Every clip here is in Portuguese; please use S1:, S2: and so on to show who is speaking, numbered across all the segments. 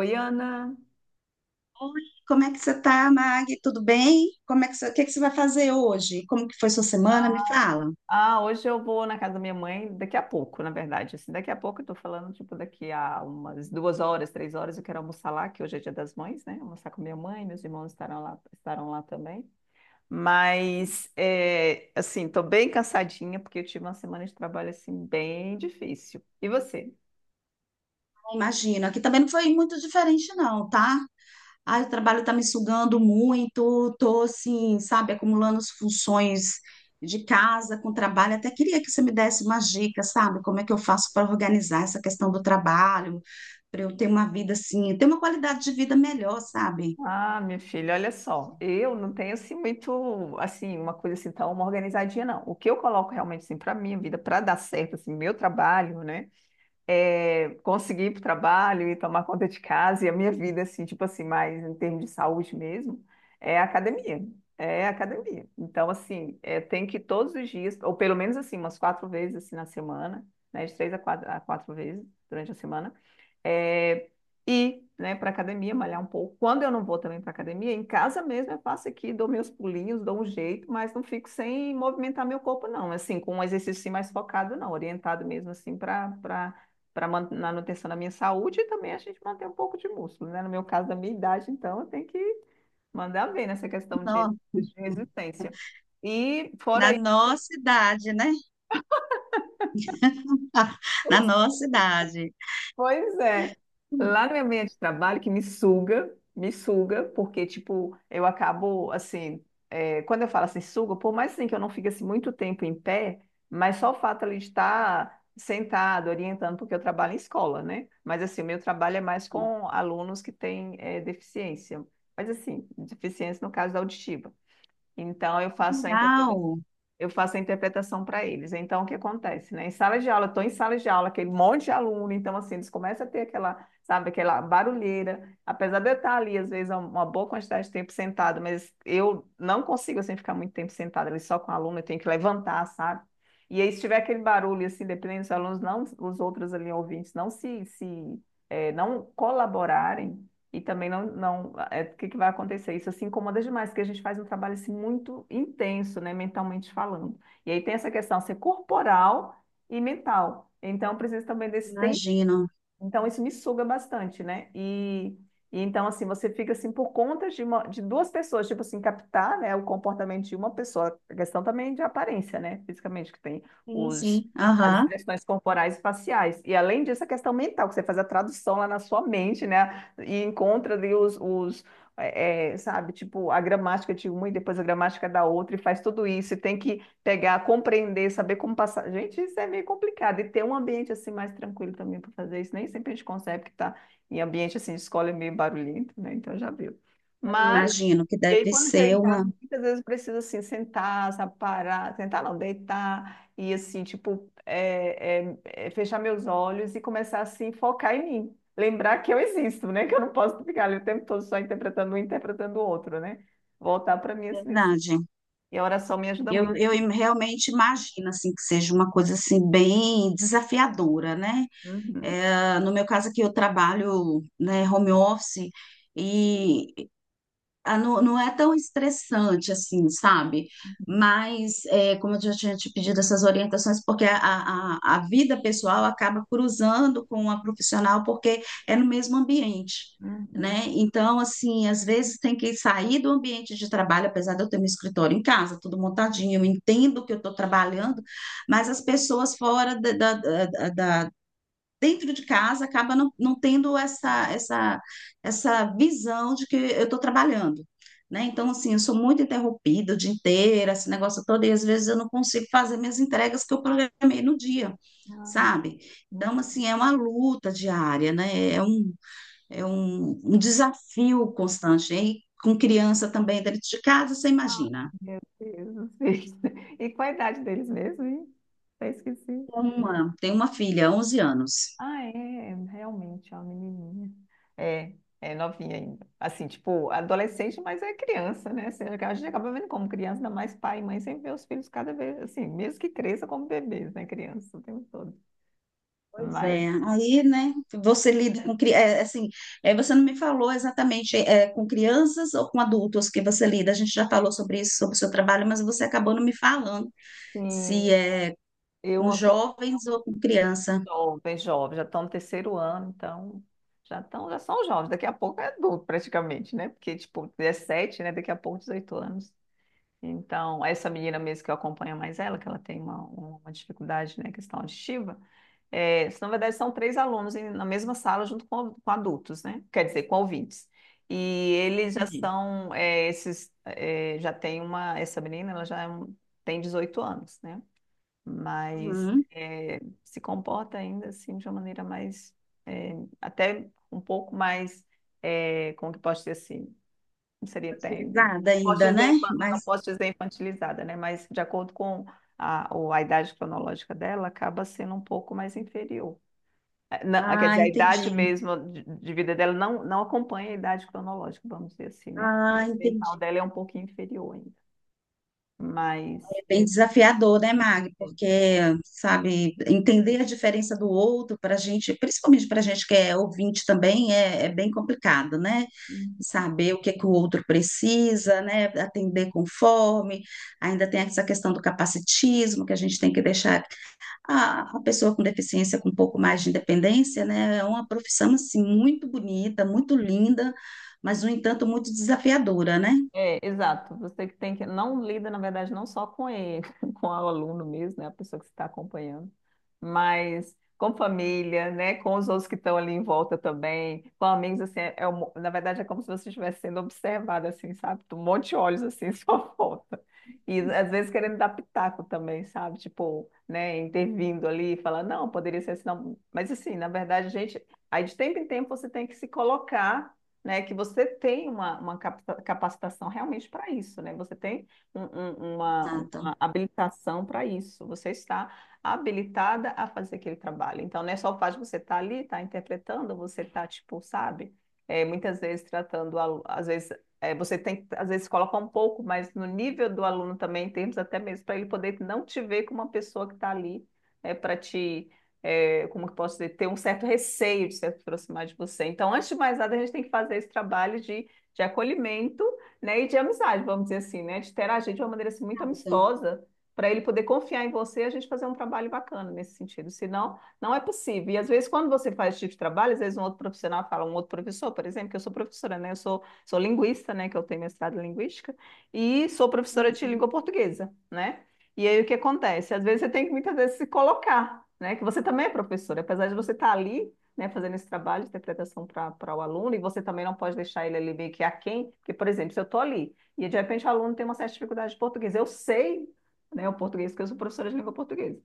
S1: Oi, Ana.
S2: Oi, como é que você tá, Mag? Tudo bem? Como é que você, o que é que você vai fazer hoje? Como que foi sua semana? Me fala.
S1: Ah, hoje eu vou na casa da minha mãe daqui a pouco, na verdade. Assim, daqui a pouco eu tô falando, tipo, daqui a umas duas horas, três horas, eu quero almoçar lá, que hoje é Dia das Mães, né? Almoçar com minha mãe, meus irmãos estarão lá também. Mas, assim, tô bem cansadinha, porque eu tive uma semana de trabalho, assim, bem difícil. E você?
S2: Imagino, aqui também não foi muito diferente não, tá? Ah, o trabalho tá me sugando muito, tô assim, sabe, acumulando as funções de casa com trabalho. Até queria que você me desse uma dicas, sabe? Como é que eu faço para organizar essa questão do trabalho, para eu ter uma vida assim, ter uma qualidade de vida melhor, sabe?
S1: Ah, minha filha, olha só, eu não tenho assim muito, assim, uma coisa assim tão uma organizadinha não. O que eu coloco realmente assim para minha vida, para dar certo assim, meu trabalho, né? Conseguir ir para o trabalho e tomar conta de casa e a minha vida, assim, tipo assim, mais em termos de saúde mesmo, é a academia. É a academia. Então, assim, tem que ir todos os dias, ou pelo menos assim, umas quatro vezes assim, na semana, né? De três a quatro vezes durante a semana é, ir, né, para academia, malhar um pouco. Quando eu não vou também para academia, em casa mesmo eu faço aqui, dou meus pulinhos, dou um jeito, mas não fico sem movimentar meu corpo, não. Assim, com um exercício assim, mais focado, não, orientado mesmo assim para manutenção da minha saúde e também a gente manter um pouco de músculo, né? No meu caso, da minha idade, então, eu tenho que mandar bem nessa questão de
S2: Não,
S1: de resistência. E fora
S2: na nossa idade, né? Na nossa idade.
S1: pois é. Lá no meu ambiente de trabalho, que me suga, porque, tipo, eu acabo, assim, quando eu falo assim, suga, por mais assim que eu não fique assim, muito tempo em pé, mas só o fato ali de estar sentado, orientando, porque eu trabalho em escola, né? Mas, assim, o meu trabalho é mais com alunos que têm deficiência, mas, assim, deficiência no caso auditiva. Então,
S2: Legal,
S1: eu faço a interpretação para eles. Então, o que acontece, né? Em sala de aula, estou em sala de aula, aquele monte de aluno, então, assim, eles começam a ter aquela, sabe, aquela barulheira. Apesar de eu estar ali, às vezes, uma boa quantidade de tempo sentado, mas eu não consigo, assim, ficar muito tempo sentado ali só com o aluno, eu tenho que levantar, sabe? E aí, se tiver aquele barulho, assim, dependendo dos alunos, não, os outros ali, ouvintes, se não colaborarem, e também não, não, é, o que que vai acontecer? Isso assim incomoda demais, porque a gente faz um trabalho assim, muito intenso, né, mentalmente falando. E aí tem essa questão ser corporal e mental. Então, precisa também desse tempo
S2: imagino.
S1: então, isso me suga bastante, né? E então, assim, você fica assim por conta de, de duas pessoas, tipo assim, captar, né, o comportamento de uma pessoa. A questão também de aparência, né? Fisicamente, que tem
S2: Sim,
S1: os,
S2: sim.
S1: as
S2: Aham.
S1: expressões corporais e faciais. E além disso, a questão mental, que você faz a tradução lá na sua mente, né? E encontra ali os sabe, tipo, a gramática de uma e depois a gramática da outra, e faz tudo isso. E tem que pegar, compreender, saber como passar. Gente, isso é meio complicado. E ter um ambiente assim mais tranquilo também para fazer isso. Nem sempre a gente consegue, porque tá em ambiente assim, de escola é meio barulhento, né? Então já viu.
S2: Eu
S1: Mas,
S2: imagino que
S1: e aí
S2: deve
S1: quando chega
S2: ser
S1: em casa,
S2: uma
S1: muitas vezes precisa assim sentar, sabe, parar, sentar não, deitar e assim, tipo, fechar meus olhos e começar assim, focar em mim. Lembrar que eu existo, né? Que eu não posso ficar ali o tempo todo só interpretando um, interpretando o outro, né? Voltar para mim assim,
S2: verdade.
S1: e a oração me ajuda muito.
S2: Realmente imagino assim que seja uma coisa assim bem desafiadora, né?
S1: Uhum.
S2: É, no meu caso aqui eu trabalho, né, home office e ah, não, não é tão estressante assim, sabe? Mas, é, como eu já tinha te pedido essas orientações, porque a vida pessoal acaba cruzando com a profissional, porque é no mesmo ambiente,
S1: Uhum.
S2: né? Então, assim, às vezes tem que sair do ambiente de trabalho, apesar de eu ter meu escritório em casa, tudo montadinho, eu entendo que eu estou trabalhando, mas as pessoas da, dentro de casa acaba não, não tendo
S1: Sim.
S2: essa visão de que eu estou trabalhando. Né? Então, assim, eu sou muito interrompida o dia inteiro, esse negócio todo, e às vezes eu não consigo fazer minhas entregas que eu programei no dia,
S1: Ah,
S2: sabe?
S1: hum,
S2: Então, assim, é uma luta diária, né? Um desafio constante. E com criança também dentro de casa, você imagina.
S1: meu Deus do céu. E qual a idade deles mesmo, hein? Até esqueci.
S2: Uma, tem uma filha, 11 anos.
S1: Ah, é, realmente, é uma menininha. É, é novinha ainda. Assim, tipo, adolescente, mas é criança, né? Assim, a gente acaba vendo como criança, ainda mais pai e mãe, sempre vê os filhos cada vez, assim, mesmo que cresça como bebês, né? Criança o tempo todo.
S2: Pois
S1: Mas,
S2: é, aí, né, você lida com, cri- é, assim, é, você não me falou exatamente é, com crianças ou com adultos que você lida, a gente já falou sobre isso, sobre o seu trabalho, mas você acabou não me falando
S1: assim,
S2: se é
S1: eu
S2: com jovens ou com criança.
S1: jovens, jovens, já estão no terceiro ano, então já estão, já são jovens. Daqui a pouco é adulto, praticamente, né? Porque, tipo, 17, né? Daqui a pouco 18 anos. Então, essa menina mesmo que eu acompanho mais ela, que ela tem uma dificuldade, né? Questão auditiva, na verdade são três alunos na mesma sala junto com adultos, né? Quer dizer, com ouvintes. E eles já
S2: Entendi.
S1: são, já tem uma, essa menina, ela já é um- tem 18 anos, né? Mas
S2: Uhum.
S1: se comporta ainda assim de uma maneira mais, eh, até um pouco mais, como que posso dizer assim, não seria até, não
S2: Facilitada
S1: posso
S2: ainda, né?
S1: dizer, não
S2: Mas,
S1: posso dizer infantilizada, né? Mas de acordo com a idade cronológica dela, acaba sendo um pouco mais inferior. Não, ah, quer
S2: ah,
S1: dizer, a idade
S2: entendi.
S1: mesmo de vida dela não, não acompanha a idade cronológica, vamos dizer assim, né? A
S2: Ah,
S1: idade
S2: entendi.
S1: mental dela é um pouquinho inferior ainda, mas...
S2: Bem desafiador, né, Mag?
S1: é.
S2: Porque, sabe, entender a diferença do outro para a gente, principalmente para a gente que é ouvinte também, é, é bem complicado, né? Saber o que que o outro precisa, né? Atender conforme. Ainda tem essa questão do capacitismo, que a gente tem que deixar a pessoa com deficiência com um pouco mais de independência, né? É uma profissão, assim, muito bonita, muito linda, mas, no entanto, muito desafiadora, né?
S1: É, exato. Você que tem que não lida, na verdade, não só com ele, com o aluno mesmo, né, a pessoa que você está acompanhando, mas com família, né, com os outros que estão ali em volta também, com amigos assim, na verdade é como se você estivesse sendo observado assim, sabe? Um monte de olhos assim em sua volta. E às vezes querendo dar pitaco também, sabe? Tipo, né, intervindo ali, falando, não, poderia ser assim, não. Mas assim, na verdade, gente, aí de tempo em tempo você tem que se colocar né, que você tem uma capacitação realmente para isso, né? Você tem um- um- uma,
S2: Exato.
S1: uma habilitação para isso. Você está habilitada a fazer aquele trabalho. Então, não é só o fato de você estar ali, estar interpretando, você está, tipo, sabe? É, muitas vezes tratando, às vezes, você tem que, às vezes, colocar um pouco mas no nível do aluno também, em termos até mesmo para ele poder não te ver como uma pessoa que está ali, é, para te como que posso dizer, ter um certo receio de se aproximar de você. Então, antes de mais nada, a gente tem que fazer esse trabalho de acolhimento, né, e de amizade, vamos dizer assim, né, de interagir de uma maneira assim, muito
S2: Exato.
S1: amistosa, para ele poder confiar em você e a gente fazer um trabalho bacana nesse sentido. Senão, não é possível. E às vezes, quando você faz esse tipo de trabalho, às vezes um outro profissional fala, um outro professor, por exemplo, que eu sou professora, né, sou linguista, né, que eu tenho mestrado em linguística, e sou professora
S2: Sim,
S1: de
S2: sim.
S1: língua portuguesa, né? E aí o que acontece? Às vezes você tem que muitas vezes se colocar, né? Que você também é professor, apesar de você estar ali, né, fazendo esse trabalho de interpretação para o aluno, e você também não pode deixar ele ali meio que aquém, porque, por exemplo, se eu estou ali e de repente o aluno tem uma certa dificuldade de português, eu sei, né, o português, porque eu sou professora de língua portuguesa.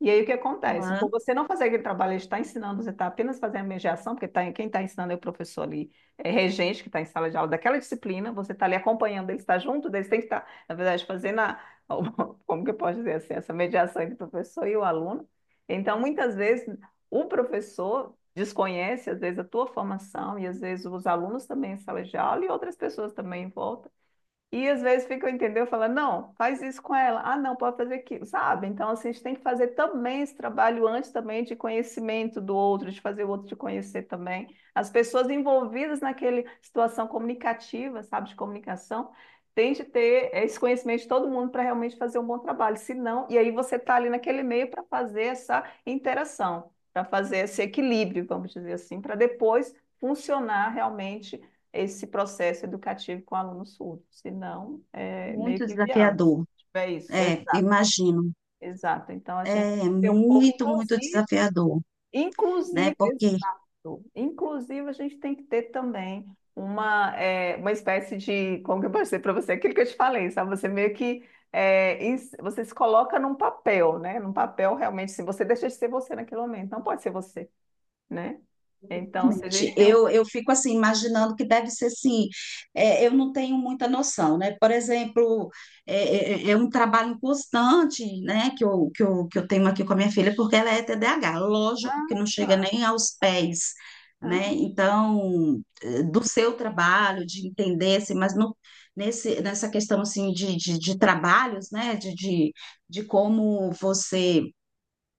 S1: E aí o que acontece? Por
S2: Olá.
S1: você não fazer aquele trabalho, ele está ensinando, você está apenas fazendo mediação, porque tá, quem está ensinando é o professor ali, é regente, que está em sala de aula daquela disciplina, você está ali acompanhando, ele está junto, eles têm que estar, na verdade, fazendo a, como que eu posso dizer assim, essa mediação entre o professor e o aluno. Então, muitas vezes, o professor desconhece, às vezes, a tua formação, e às vezes os alunos também em sala de aula, e outras pessoas também em volta. E às vezes fica, entendeu? Fala, não, faz isso com ela. Ah, não, pode fazer aquilo, sabe? Então, assim, a gente tem que fazer também esse trabalho antes também de conhecimento do outro, de fazer o outro te conhecer também. As pessoas envolvidas naquela situação comunicativa, sabe, de comunicação, tem de ter esse conhecimento de todo mundo para realmente fazer um bom trabalho. Se não, e aí você está ali naquele meio para fazer essa interação, para fazer esse equilíbrio, vamos dizer assim, para depois funcionar realmente esse processo educativo com aluno surdo, senão é meio
S2: Muito
S1: que inviável. Se
S2: desafiador,
S1: tiver isso,
S2: é,
S1: exato,
S2: imagino.
S1: exato. Então a gente
S2: É
S1: tem que ter um pouco
S2: muito, muito
S1: inclusive,
S2: desafiador, né?
S1: inclusive,
S2: Porque
S1: exato. Inclusive a gente tem que ter também uma espécie de, como que eu posso dizer para você, aquilo que eu te falei, sabe? Você meio que você se coloca num papel, né? Num papel realmente, se você deixa de ser você naquele momento, não pode ser você, né? Então, se a
S2: exatamente.
S1: gente tem um.
S2: Eu fico assim, imaginando que deve ser assim. É, eu não tenho muita noção, né? Por exemplo, é, é um trabalho constante, né? Que eu tenho aqui com a minha filha, porque ela é TDAH, lógico
S1: Ah,
S2: que não chega
S1: ah,
S2: nem aos pés, né?
S1: ah.
S2: Então, eh, do seu trabalho, de entender, assim, mas no, nesse, nessa questão assim de trabalhos, né? De como você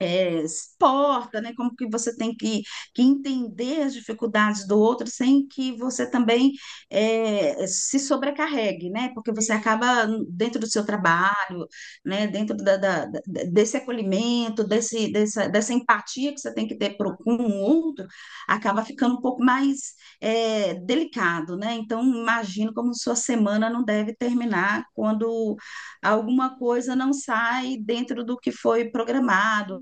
S2: é, se porta, né? Como que você tem que entender as dificuldades do outro sem que você também é, se sobrecarregue, né? Porque você
S1: Isso,
S2: acaba dentro do seu trabalho, né? Dentro da, da- da- desse acolhimento, dessa empatia que você tem que ter pro, com o outro, acaba ficando um pouco mais é, delicado, né? Então, imagino como sua semana não deve terminar quando alguma coisa não sai dentro do que foi programado,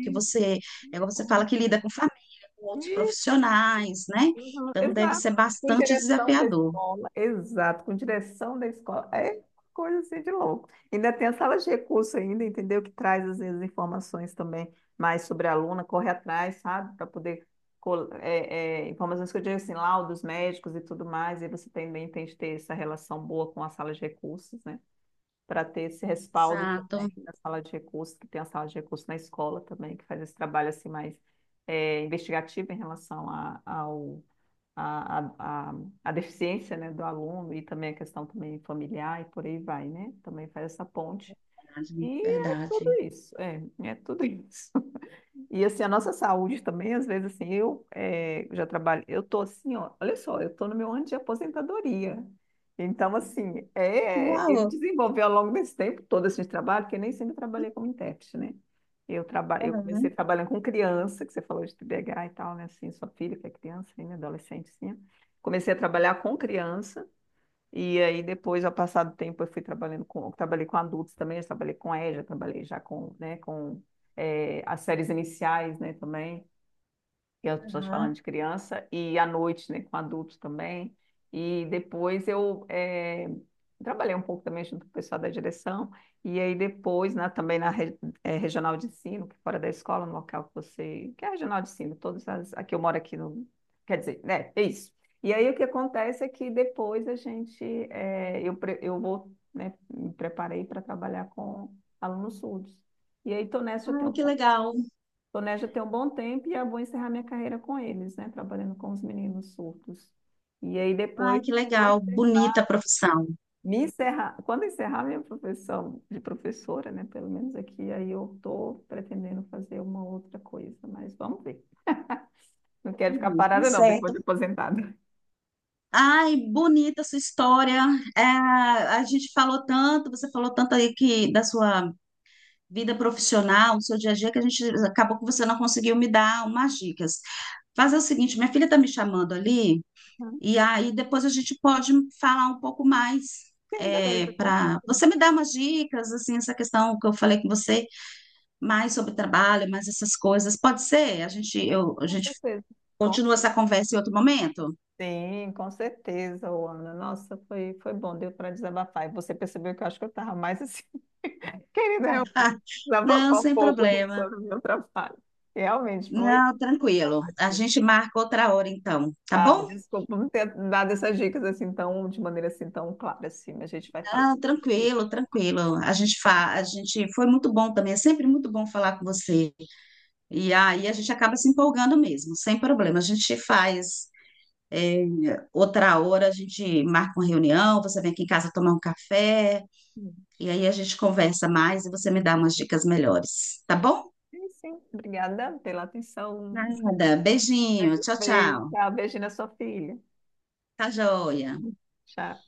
S2: que você, é, você fala que lida com família, com outros profissionais, né?
S1: uhum,
S2: Então deve
S1: exato.
S2: ser
S1: Com
S2: bastante
S1: direção da
S2: desafiador.
S1: escola. Exato, com direção da escola. É coisa assim de louco. Ainda tem a sala de recurso ainda, entendeu? Que traz às vezes informações também mais sobre a aluna, corre atrás, sabe? Para poder. Informações que eu digo assim, laudos médicos e tudo mais, e você também tem que ter essa relação boa com a sala de recursos, né? Para ter esse respaldo
S2: Exato,
S1: também na sala de recursos, que tem a sala de recursos na escola também, que faz esse trabalho assim mais investigativo em relação à a, ao, a, a, a, a deficiência, né, do aluno e também a questão também familiar e por aí vai, né? Também faz essa ponte.
S2: verdade.
S1: E é tudo
S2: Verdade.
S1: isso, é tudo isso. E assim, a nossa saúde também, às vezes assim, já trabalho, eu tô assim, ó, olha só, eu tô no meu ano de aposentadoria. Então, assim, eu
S2: Legal.
S1: desenvolvi ao longo desse tempo todo esse trabalho, porque nem sempre trabalhei como intérprete, né? Eu comecei
S2: Aham,
S1: trabalhando com criança, que você falou de TDAH e tal, né? Assim, sua filha que é criança ainda, adolescentezinha. Comecei a trabalhar com criança, e aí depois, ao passar do tempo, eu fui trabalhando com, trabalhei com adultos também, eu trabalhei com EJA, trabalhei já com, né, com as séries iniciais, né, também e as pessoas falando
S2: aham.
S1: de criança, e à noite, né, com adultos também. E depois trabalhei um pouco também junto com o pessoal da direção, e aí depois, né, também na regional de ensino, que é fora da escola, no local que você. Que é a regional de ensino, todas as. Aqui eu moro aqui no. Quer dizer, né, é isso. E aí o que acontece é que depois a gente. Eu vou, né, me preparei para trabalhar com alunos surdos. E aí, estou nessa já tem
S2: Ai,
S1: um
S2: que legal.
S1: planejo ter um bom tempo e eu vou encerrar minha carreira com eles, né? Trabalhando com os meninos surdos. E aí
S2: Ai,
S1: depois,
S2: que
S1: quando
S2: legal. Bonita
S1: terminar,
S2: a profissão.
S1: me encerrar, quando encerrar minha profissão de professora, né? Pelo menos aqui, aí eu estou pretendendo fazer uma outra coisa, mas vamos ver. Não quero ficar
S2: Uhum, tá
S1: parada, não, depois
S2: certo.
S1: de aposentada.
S2: Ai, bonita a sua história. É, a gente falou tanto, você falou tanto aí que da sua vida profissional, o seu dia a dia, que a gente acabou que você não conseguiu me dar umas dicas. Fazer o seguinte, minha filha está me chamando ali, e aí depois a gente pode falar um pouco mais.
S1: Sim,
S2: É,
S1: beleza, com
S2: para
S1: certeza.
S2: você me dar umas dicas, assim, essa questão que eu falei com você, mais sobre trabalho, mais essas coisas, pode ser?
S1: Sim,
S2: A
S1: com
S2: gente
S1: certeza. Com
S2: continua essa conversa em outro momento?
S1: Sim, com certeza, ô, Ana. Nossa, foi bom, deu para desabafar. E você percebeu que eu acho que eu estava mais assim, querendo realmente
S2: Não,
S1: desabafar um
S2: sem
S1: pouco né,
S2: problema.
S1: sobre o meu trabalho. Realmente foi.
S2: Não, tranquilo. A
S1: Cansativo.
S2: gente marca outra hora então, tá
S1: Ah,
S2: bom?
S1: desculpa não ter dado essas dicas assim tão, de maneira assim tão clara assim, mas a gente vai falar.
S2: Ah, tranquilo, tranquilo. A gente foi muito bom também, é sempre muito bom falar com você. E aí a gente acaba se empolgando mesmo, sem problema. A gente faz é, outra hora, a gente marca uma reunião, você vem aqui em casa tomar um café,
S1: Sim,
S2: e aí a gente conversa mais e você me dá umas dicas melhores, tá
S1: sim.
S2: bom?
S1: Sim, sim. Obrigada pela atenção.
S2: Nada, beijinho, tchau,
S1: Beijo.
S2: tchau.
S1: Tchau, beijo na sua filha.
S2: Tá joia.
S1: Tchau.